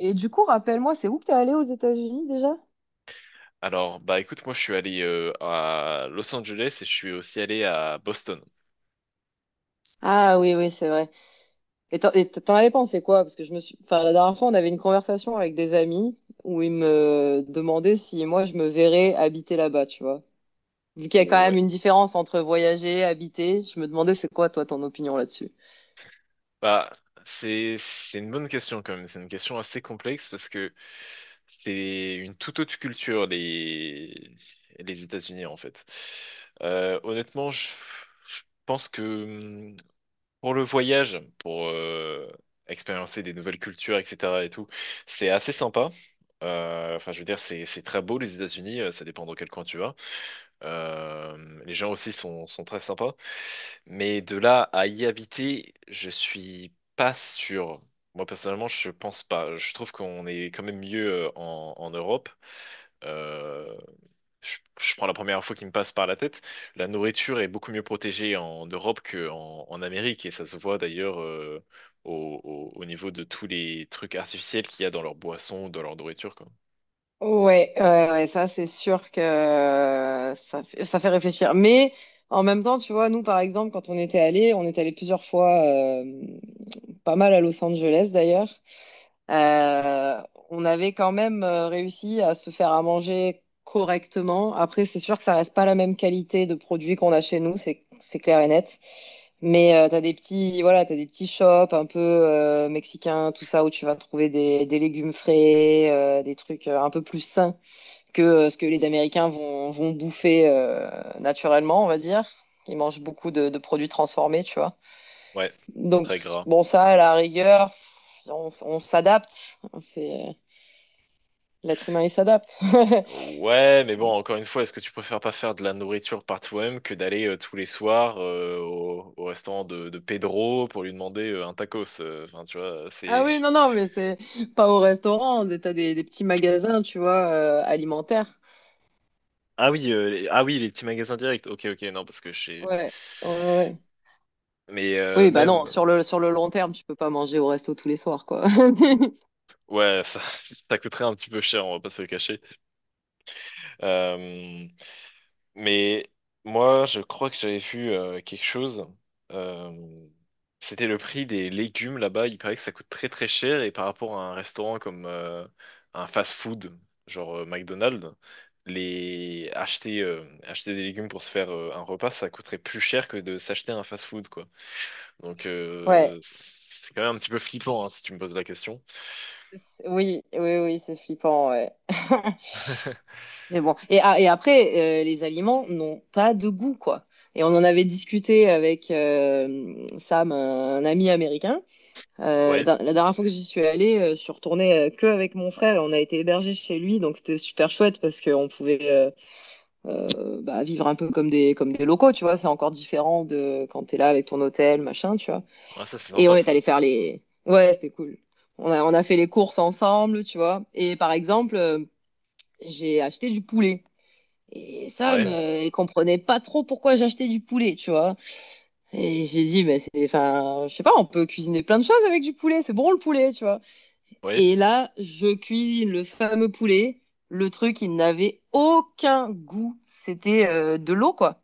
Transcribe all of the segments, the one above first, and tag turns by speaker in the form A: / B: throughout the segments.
A: Et du coup, rappelle-moi, c'est où que t'es allé aux États-Unis déjà?
B: Alors, écoute, moi je suis allé à Los Angeles et je suis aussi allé à Boston.
A: Ah oui, oui, c'est vrai. Et t'en avais pensé quoi? Parce que je me suis... Enfin, la dernière fois, on avait une conversation avec des amis où ils me demandaient si moi, je me verrais habiter là-bas, tu vois. Vu qu'il y a quand même
B: Ouais.
A: une différence entre voyager et habiter, je me demandais c'est quoi, toi, ton opinion là-dessus?
B: Bah, c'est une bonne question quand même. C'est une question assez complexe parce que c'est une toute autre culture les États-Unis en fait. Honnêtement, je pense que pour le voyage, pour expérimenter des nouvelles cultures, etc. et tout, c'est assez sympa. Enfin, je veux dire, c'est très beau les États-Unis. Ça dépend dans quel coin tu vas. Les gens aussi sont très sympas. Mais de là à y habiter, je suis pas sûr. Moi, personnellement, je pense pas. Je trouve qu'on est quand même mieux en, en Europe. Euh, je prends la première info qui me passe par la tête. La nourriture est beaucoup mieux protégée en Europe qu'en en Amérique. Et ça se voit d'ailleurs au, au niveau de tous les trucs artificiels qu'il y a dans leurs boissons, dans leur nourriture, quoi.
A: Ouais, ouais, ouais, ça c'est sûr que ça fait réfléchir. Mais en même temps, tu vois, nous par exemple, quand on était allés, on est allés plusieurs fois. Pas mal à Los Angeles d'ailleurs. Euh, on avait quand même réussi à se faire à manger correctement. Après, c'est sûr que ça reste pas la même qualité de produits qu'on a chez nous, c'est clair et net. Mais t'as des petits, voilà, t'as des petits shops un peu mexicains, tout ça, où tu vas trouver des légumes frais, des trucs un peu plus sains que ce que les Américains vont, vont bouffer naturellement, on va dire. Ils mangent beaucoup de produits transformés, tu vois.
B: Ouais,
A: Donc,
B: très gras.
A: bon, ça, à la rigueur, on s'adapte. C'est, l'être humain, il s'adapte.
B: Ouais, mais bon, encore une fois, est-ce que tu préfères pas faire de la nourriture par toi-même que d'aller tous les soirs au, au restaurant de Pedro pour lui demander un tacos? Enfin, tu vois,
A: Ah
B: c'est...
A: oui, non, non, mais c'est pas au restaurant. T'as des petits magasins, tu vois, alimentaires.
B: Ah oui, ah oui, les petits magasins directs. Ok, ok, non, parce que chez...
A: Ouais, ouais, ouais.
B: Mais
A: Oui, bah non,
B: même,
A: sur le long terme, tu peux pas manger au resto tous les soirs, quoi.
B: ouais, ça, ça coûterait un petit peu cher, on va pas se le cacher. Euh, Mais moi, je crois que j'avais vu quelque chose. Euh, C'était le prix des légumes là-bas. Il paraît que ça coûte très très cher et par rapport à un restaurant comme un fast-food, genre McDonald's, les acheter acheter des légumes pour se faire un repas, ça coûterait plus cher que de s'acheter un fast-food quoi. Donc
A: Ouais,
B: c'est quand même un petit peu flippant hein, si tu me poses la question.
A: oui, oui, oui, c'est flippant, ouais. Mais bon, et, ah, et après, les aliments n'ont pas de goût, quoi. Et on en avait discuté avec Sam, un ami américain.
B: Ouais,
A: La, la dernière fois que j'y suis allée, je suis retournée que avec mon frère. Et on a été hébergés chez lui, donc c'était super chouette parce qu'on pouvait bah, vivre un peu comme des locaux, tu vois. C'est encore différent de quand t'es là avec ton hôtel, machin, tu vois.
B: ouais, ça c'est
A: Et on
B: sympa
A: est
B: ça.
A: allé faire les. Ouais, c'était cool. On a fait les courses ensemble, tu vois. Et par exemple, j'ai acheté du poulet. Et Sam,
B: Ouais,
A: il comprenait pas trop pourquoi j'achetais du poulet, tu vois. Et j'ai dit, mais c'est, enfin, je sais pas, on peut cuisiner plein de choses avec du poulet, c'est bon le poulet, tu vois. Et
B: ouais.
A: là, je cuisine le fameux poulet. Le truc, il n'avait aucun goût. C'était de l'eau, quoi.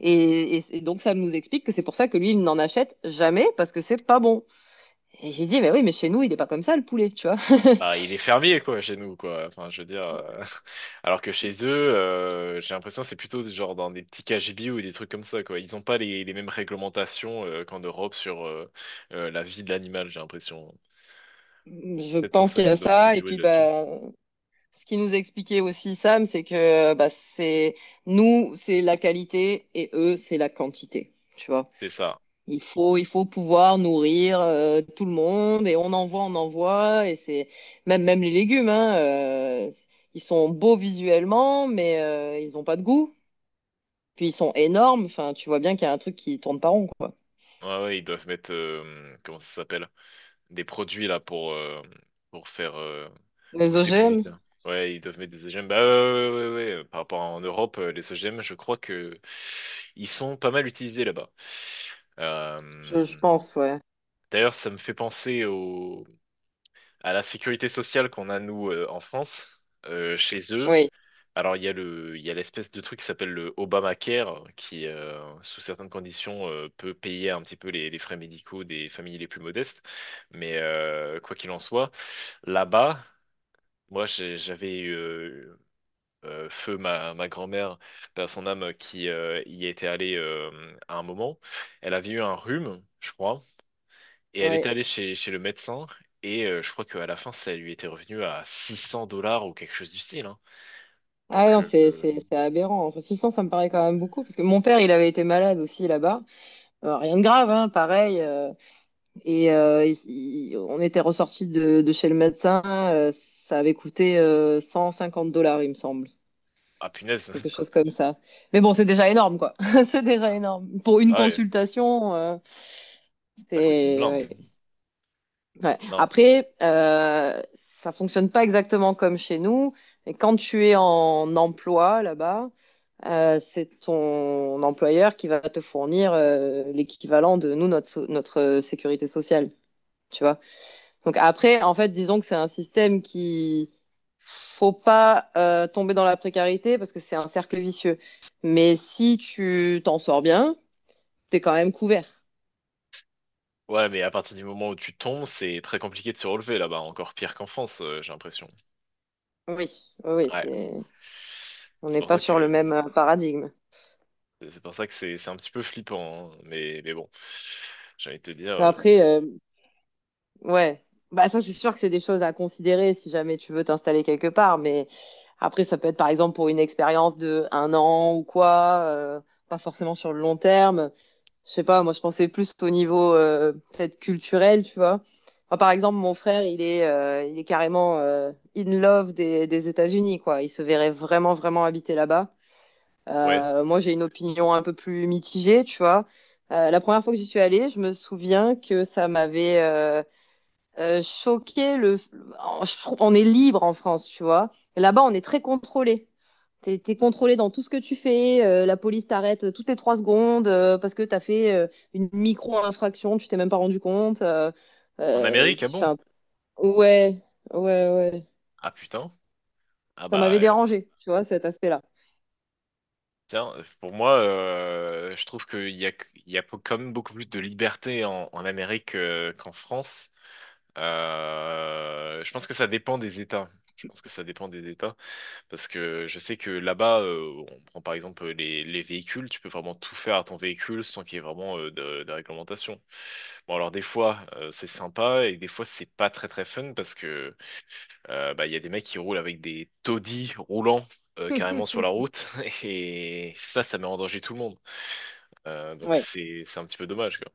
A: Et donc, ça nous explique que c'est pour ça que lui, il n'en achète jamais parce que c'est pas bon. Et j'ai dit, mais oui, mais chez nous, il est pas comme ça, le poulet, tu vois.
B: Bah, il est fermier, quoi, chez nous, quoi. Enfin, je veux dire. Alors que chez eux, j'ai l'impression que c'est plutôt genre dans des petits KGB ou des trucs comme ça, quoi. Ils n'ont pas les, les mêmes réglementations qu'en Europe sur la vie de l'animal, j'ai l'impression.
A: Je
B: Peut-être pour
A: pense
B: ça
A: qu'il y
B: que ça
A: a
B: doit peut-être
A: ça. Et
B: jouer
A: puis,
B: là-dessus.
A: bah, ce qui nous expliquait aussi, Sam, c'est que bah, c'est nous, c'est la qualité et eux, c'est la quantité. Tu vois.
B: C'est ça.
A: Il faut pouvoir nourrir tout le monde et on envoie et c'est même les légumes hein, ils sont beaux visuellement mais ils ont pas de goût. Puis ils sont énormes, enfin tu vois bien qu'il y a un truc qui tourne pas rond quoi.
B: Ouais, ouais, ils doivent mettre. Comment ça s'appelle? Des produits là pour faire
A: Les
B: pousser plus
A: OGM,
B: vite là. Ouais, ils doivent mettre des OGM. Bah ouais, ouais, ouais, ouais, ouais. Par rapport à en Europe, les OGM, je crois que ils sont pas mal utilisés là-bas.
A: je
B: Euh,
A: pense ouais.
B: D'ailleurs, ça me fait penser au à la sécurité sociale qu'on a nous en France. Chez eux,
A: Oui,
B: alors, il y a le, il y a l'espèce de truc qui s'appelle le Obamacare, qui, sous certaines conditions, peut payer un petit peu les frais médicaux des familles les plus modestes. Mais quoi qu'il en soit, là-bas, moi, j'avais feu ma, ma grand-mère, par son âme, qui y était allée à un moment. Elle avait eu un rhume, je crois, et elle
A: oui.
B: était allée chez, chez le médecin. Et je crois qu'à la fin, ça lui était revenu à 600 € ou quelque chose du style, hein.
A: Ah
B: Donc,
A: non, c'est c'est c'est aberrant. Enfin, 600 ça me paraît quand même beaucoup parce que mon père, il avait été malade aussi là-bas. Rien de grave hein, pareil Et euh, il- on était ressorti de chez le médecin, ça avait coûté 150 dollars, il me semble,
B: ah punaise.
A: quelque chose comme ça. Mais bon, c'est déjà énorme, quoi. C'est déjà énorme. Pour une
B: Bah ouais,
A: consultation,
B: ça coûte une
A: c'est...
B: blinde.
A: ouais. Ouais.
B: Non.
A: Après, ça fonctionne pas exactement comme chez nous. Et quand tu es en emploi là-bas, c'est ton employeur qui va te fournir l'équivalent de nous, notre, notre sécurité sociale, tu vois. Donc après, en fait, disons que c'est un système qui faut pas tomber dans la précarité parce que c'est un cercle vicieux. Mais si tu t'en sors bien, t'es quand même couvert.
B: Ouais, mais à partir du moment où tu tombes, c'est très compliqué de se relever là-bas, encore pire qu'en France, j'ai l'impression.
A: Oui, oui, oui,
B: Ouais.
A: c'est on
B: C'est
A: n'est
B: pour
A: pas
B: ça
A: sur le
B: que
A: même paradigme.
B: c'est un petit peu flippant, hein. Mais bon. J'ai envie de te dire
A: Après, ouais, bah ça c'est sûr que c'est des choses à considérer si jamais tu veux t'installer quelque part. Mais après, ça peut être par exemple pour une expérience de 1 an ou quoi, pas forcément sur le long terme. Je sais pas, moi je pensais plus au niveau peut-être culturel, tu vois. Enfin, par exemple, mon frère, il est carrément in love des États-Unis, quoi. Il se verrait vraiment, vraiment habiter là-bas.
B: ouais,
A: Moi, j'ai une opinion un peu plus mitigée, tu vois. La première fois que j'y suis allée, je me souviens que ça m'avait choqué, le... je trouve- on est libre en France, tu vois. Et là-bas, on est très contrôlé. T'es contrôlé dans tout ce que tu fais. La police t'arrête toutes les 3 secondes parce que t'as fait une micro-infraction, tu t'es même pas rendu compte.
B: en
A: Euh,
B: Amérique, ah
A: tu-
B: bon?
A: 'fin, ouais, ouais, ouais.
B: Ah putain. Ah
A: Ça
B: bah
A: m'avait dérangé, tu vois, cet aspect-là.
B: tiens, pour moi je trouve qu'il y a quand même beaucoup plus de liberté en, en Amérique qu'en France. Je pense que ça dépend des États. Je pense que ça dépend des États. Parce que je sais que là-bas, on prend par exemple les véhicules, tu peux vraiment tout faire à ton véhicule sans qu'il y ait vraiment de réglementation. Bon alors des fois c'est sympa et des fois c'est pas très très fun parce que bah, il y a des mecs qui roulent avec des taudis roulants carrément sur la route et ça ça met en danger tout le monde. Donc
A: Ouais.
B: c'est un petit peu dommage quoi.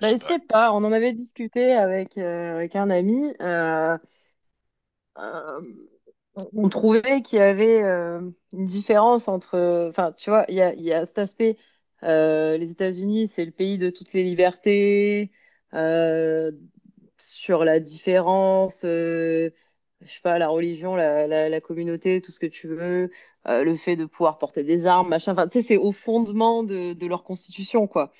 B: Je
A: Bah,
B: sais
A: je
B: pas.
A: sais pas, on en avait discuté avec, avec un ami. Euh, on trouvait qu'il y avait une différence entre, enfin, tu vois, il y a cet aspect, les États-Unis, c'est le pays de toutes les libertés, euh, sur la différence, je sais pas, la religion, la communauté, tout ce que tu veux, le fait de pouvoir porter des armes, machin, enfin, tu sais, c'est au fondement de leur constitution, quoi.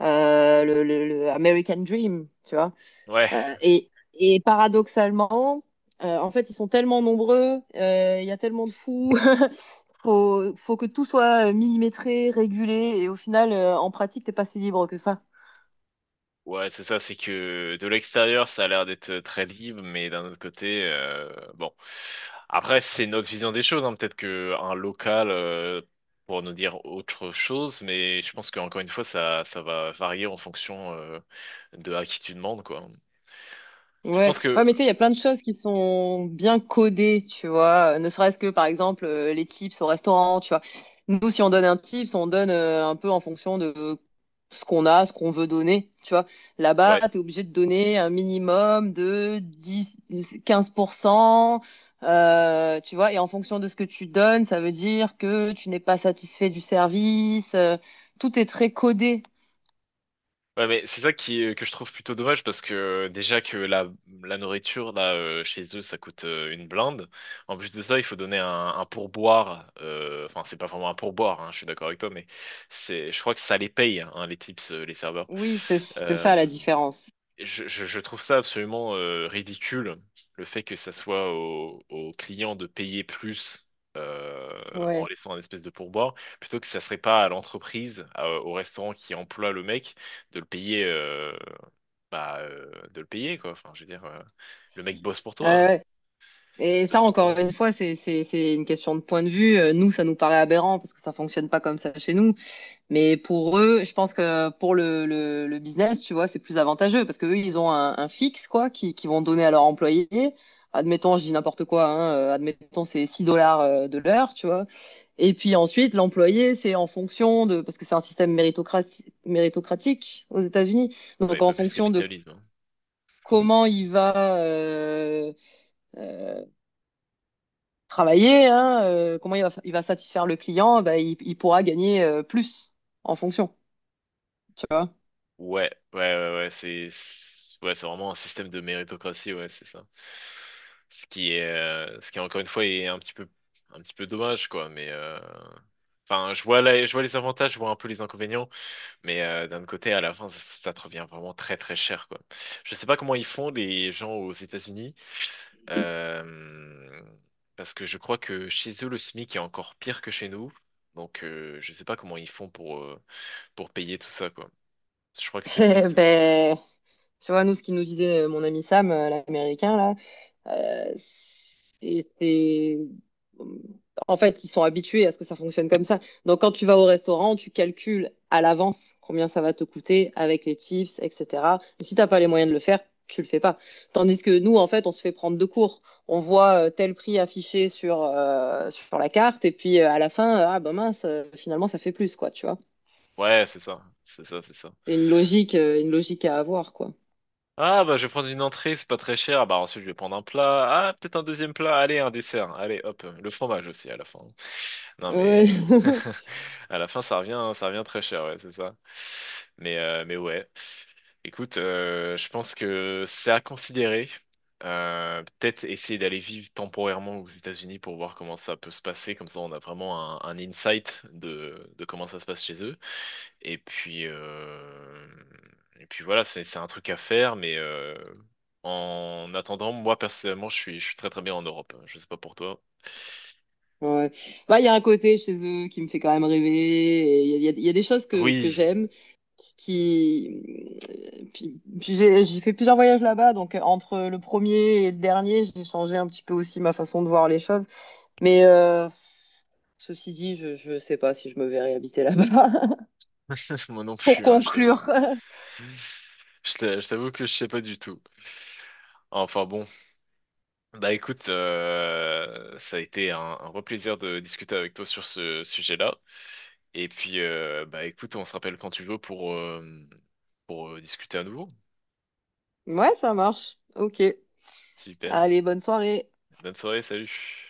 A: Le American Dream, tu vois.
B: Ouais.
A: Et paradoxalement, en fait, ils sont tellement nombreux, il y a tellement de fous, faut, faut que tout soit millimétré, régulé, et au final, en pratique, t'es pas si libre que ça.
B: Ouais, c'est ça, c'est que de l'extérieur, ça a l'air d'être très libre, mais d'un autre côté, bon. Après, c'est notre vision des choses, hein. Peut-être que un local pour nous dire autre chose, mais je pense qu'encore une fois, ça va varier en fonction de à qui tu demandes, quoi. Je pense
A: Ouais, ouais,
B: que,
A: mais tu sais, il y a plein de choses qui sont bien codées, tu vois. Ne serait-ce que, par exemple, les tips au restaurant, tu vois. Nous, si on donne un tips, on donne un peu en fonction de ce qu'on a, ce qu'on veut donner, tu vois. Là-bas,
B: ouais.
A: tu es obligé de donner un minimum de 10, 15%, tu vois. Et en fonction de ce que tu donnes, ça veut dire que tu n'es pas satisfait du service. Tout est très codé.
B: Ouais, mais c'est ça qui que je trouve plutôt dommage parce que déjà que la nourriture là chez eux ça coûte une blinde. En plus de ça, il faut donner un pourboire. Enfin, c'est pas vraiment un pourboire, hein, je suis d'accord avec toi, mais c'est, je crois que ça les paye hein, les tips, les serveurs.
A: Oui, c'est ça la
B: Euh,
A: différence.
B: je trouve ça absolument ridicule, le fait que ça soit aux aux clients de payer plus euh, en
A: Ouais.
B: laissant un espèce de pourboire, plutôt que ça serait pas à l'entreprise, au restaurant qui emploie le mec, de le payer, de le payer quoi. Enfin, je veux dire, le mec bosse pour toi,
A: Euh, Et ça,
B: bosse pas pour
A: encore
B: moi.
A: une fois, c'est une question de point de vue. Nous, ça nous paraît aberrant parce que ça fonctionne pas comme ça chez nous. Mais pour eux, je pense que pour le business, tu vois, c'est plus avantageux parce que eux, ils ont un fixe, quoi, qui vont donner à leurs employés. Admettons, je dis n'importe quoi, hein, admettons, c'est 6 $ de l'heure, tu vois. Et puis ensuite, l'employé, c'est en fonction de, parce que c'est un système méritocratique aux États-Unis. Donc,
B: Ouais,
A: en
B: pas plus
A: fonction de
B: capitalisme, hein.
A: comment il va, euh, travailler, hein, il va satisfaire le client, bah, il pourra gagner plus en fonction, tu vois.
B: Ouais, ouais, ouais, ouais, ouais, c'est vraiment un système de méritocratie, ouais, c'est ça. Ce qui est, ce qui encore une fois est un petit peu dommage, quoi. Mais, enfin, je vois les avantages, je vois un peu les inconvénients, mais d'un autre côté, à la fin, ça te revient vraiment très, très cher, quoi. Je sais pas comment ils font les gens aux États-Unis, euh, parce que je crois que chez eux, le SMIC est encore pire que chez nous. Donc, je sais pas comment ils font pour payer tout ça, quoi. Je crois que c'est
A: Eh
B: peut-être.
A: ben, tu vois, nous, ce qu'il nous disait mon ami Sam, l'américain, là, Euh, c'est, c'est- en fait, ils sont habitués à ce que ça fonctionne comme ça. Donc, quand tu vas au restaurant, tu calcules à l'avance combien ça va te coûter avec les tips, etc. Et si t'as pas les moyens de le faire, tu le fais pas. Tandis que nous, en fait, on se fait prendre de court. On voit tel prix affiché sur, sur la carte, et puis à la fin, ah ben mince, finalement, ça fait plus, quoi, tu vois.
B: Ouais, c'est ça, c'est ça, c'est ça.
A: Il une logique à avoir, quoi.
B: Ah bah je vais prendre une entrée, c'est pas très cher. Ah, bah ensuite je vais prendre un plat. Ah peut-être un deuxième plat. Allez un dessert. Allez hop le fromage aussi à la fin. Non
A: Ouais.
B: mais à la fin ça revient très cher ouais c'est ça. Mais ouais. Écoute, je pense que c'est à considérer. Peut-être essayer d'aller vivre temporairement aux États-Unis pour voir comment ça peut se passer. Comme ça on a vraiment un insight de comment ça se passe chez eux. Et puis, euh, et puis voilà, c'est un truc à faire, mais en attendant, moi personnellement, je suis très très bien en Europe, hein. Je sais pas pour toi.
A: Ouais. Bah, il y a un côté chez eux qui me fait quand même rêver. Et il y a, il y a des choses que
B: Oui,
A: j'aime. Qui... Puis, puis j'ai fait plusieurs voyages là-bas. Donc, entre le premier et le dernier, j'ai changé un petit peu aussi ma façon de voir les choses. Mais ceci dit, je sais pas si je me verrai habiter là-bas.
B: moi non
A: Pour
B: plus, hein, je t'avoue.
A: conclure.
B: Je t'avoue que je sais pas du tout. Enfin bon, bah écoute, ça a été un vrai plaisir de discuter avec toi sur ce sujet-là. Et puis, bah écoute, on se rappelle quand tu veux pour, discuter à nouveau.
A: Ouais, ça marche. Ok.
B: Super.
A: Allez, bonne soirée.
B: Bonne soirée, salut.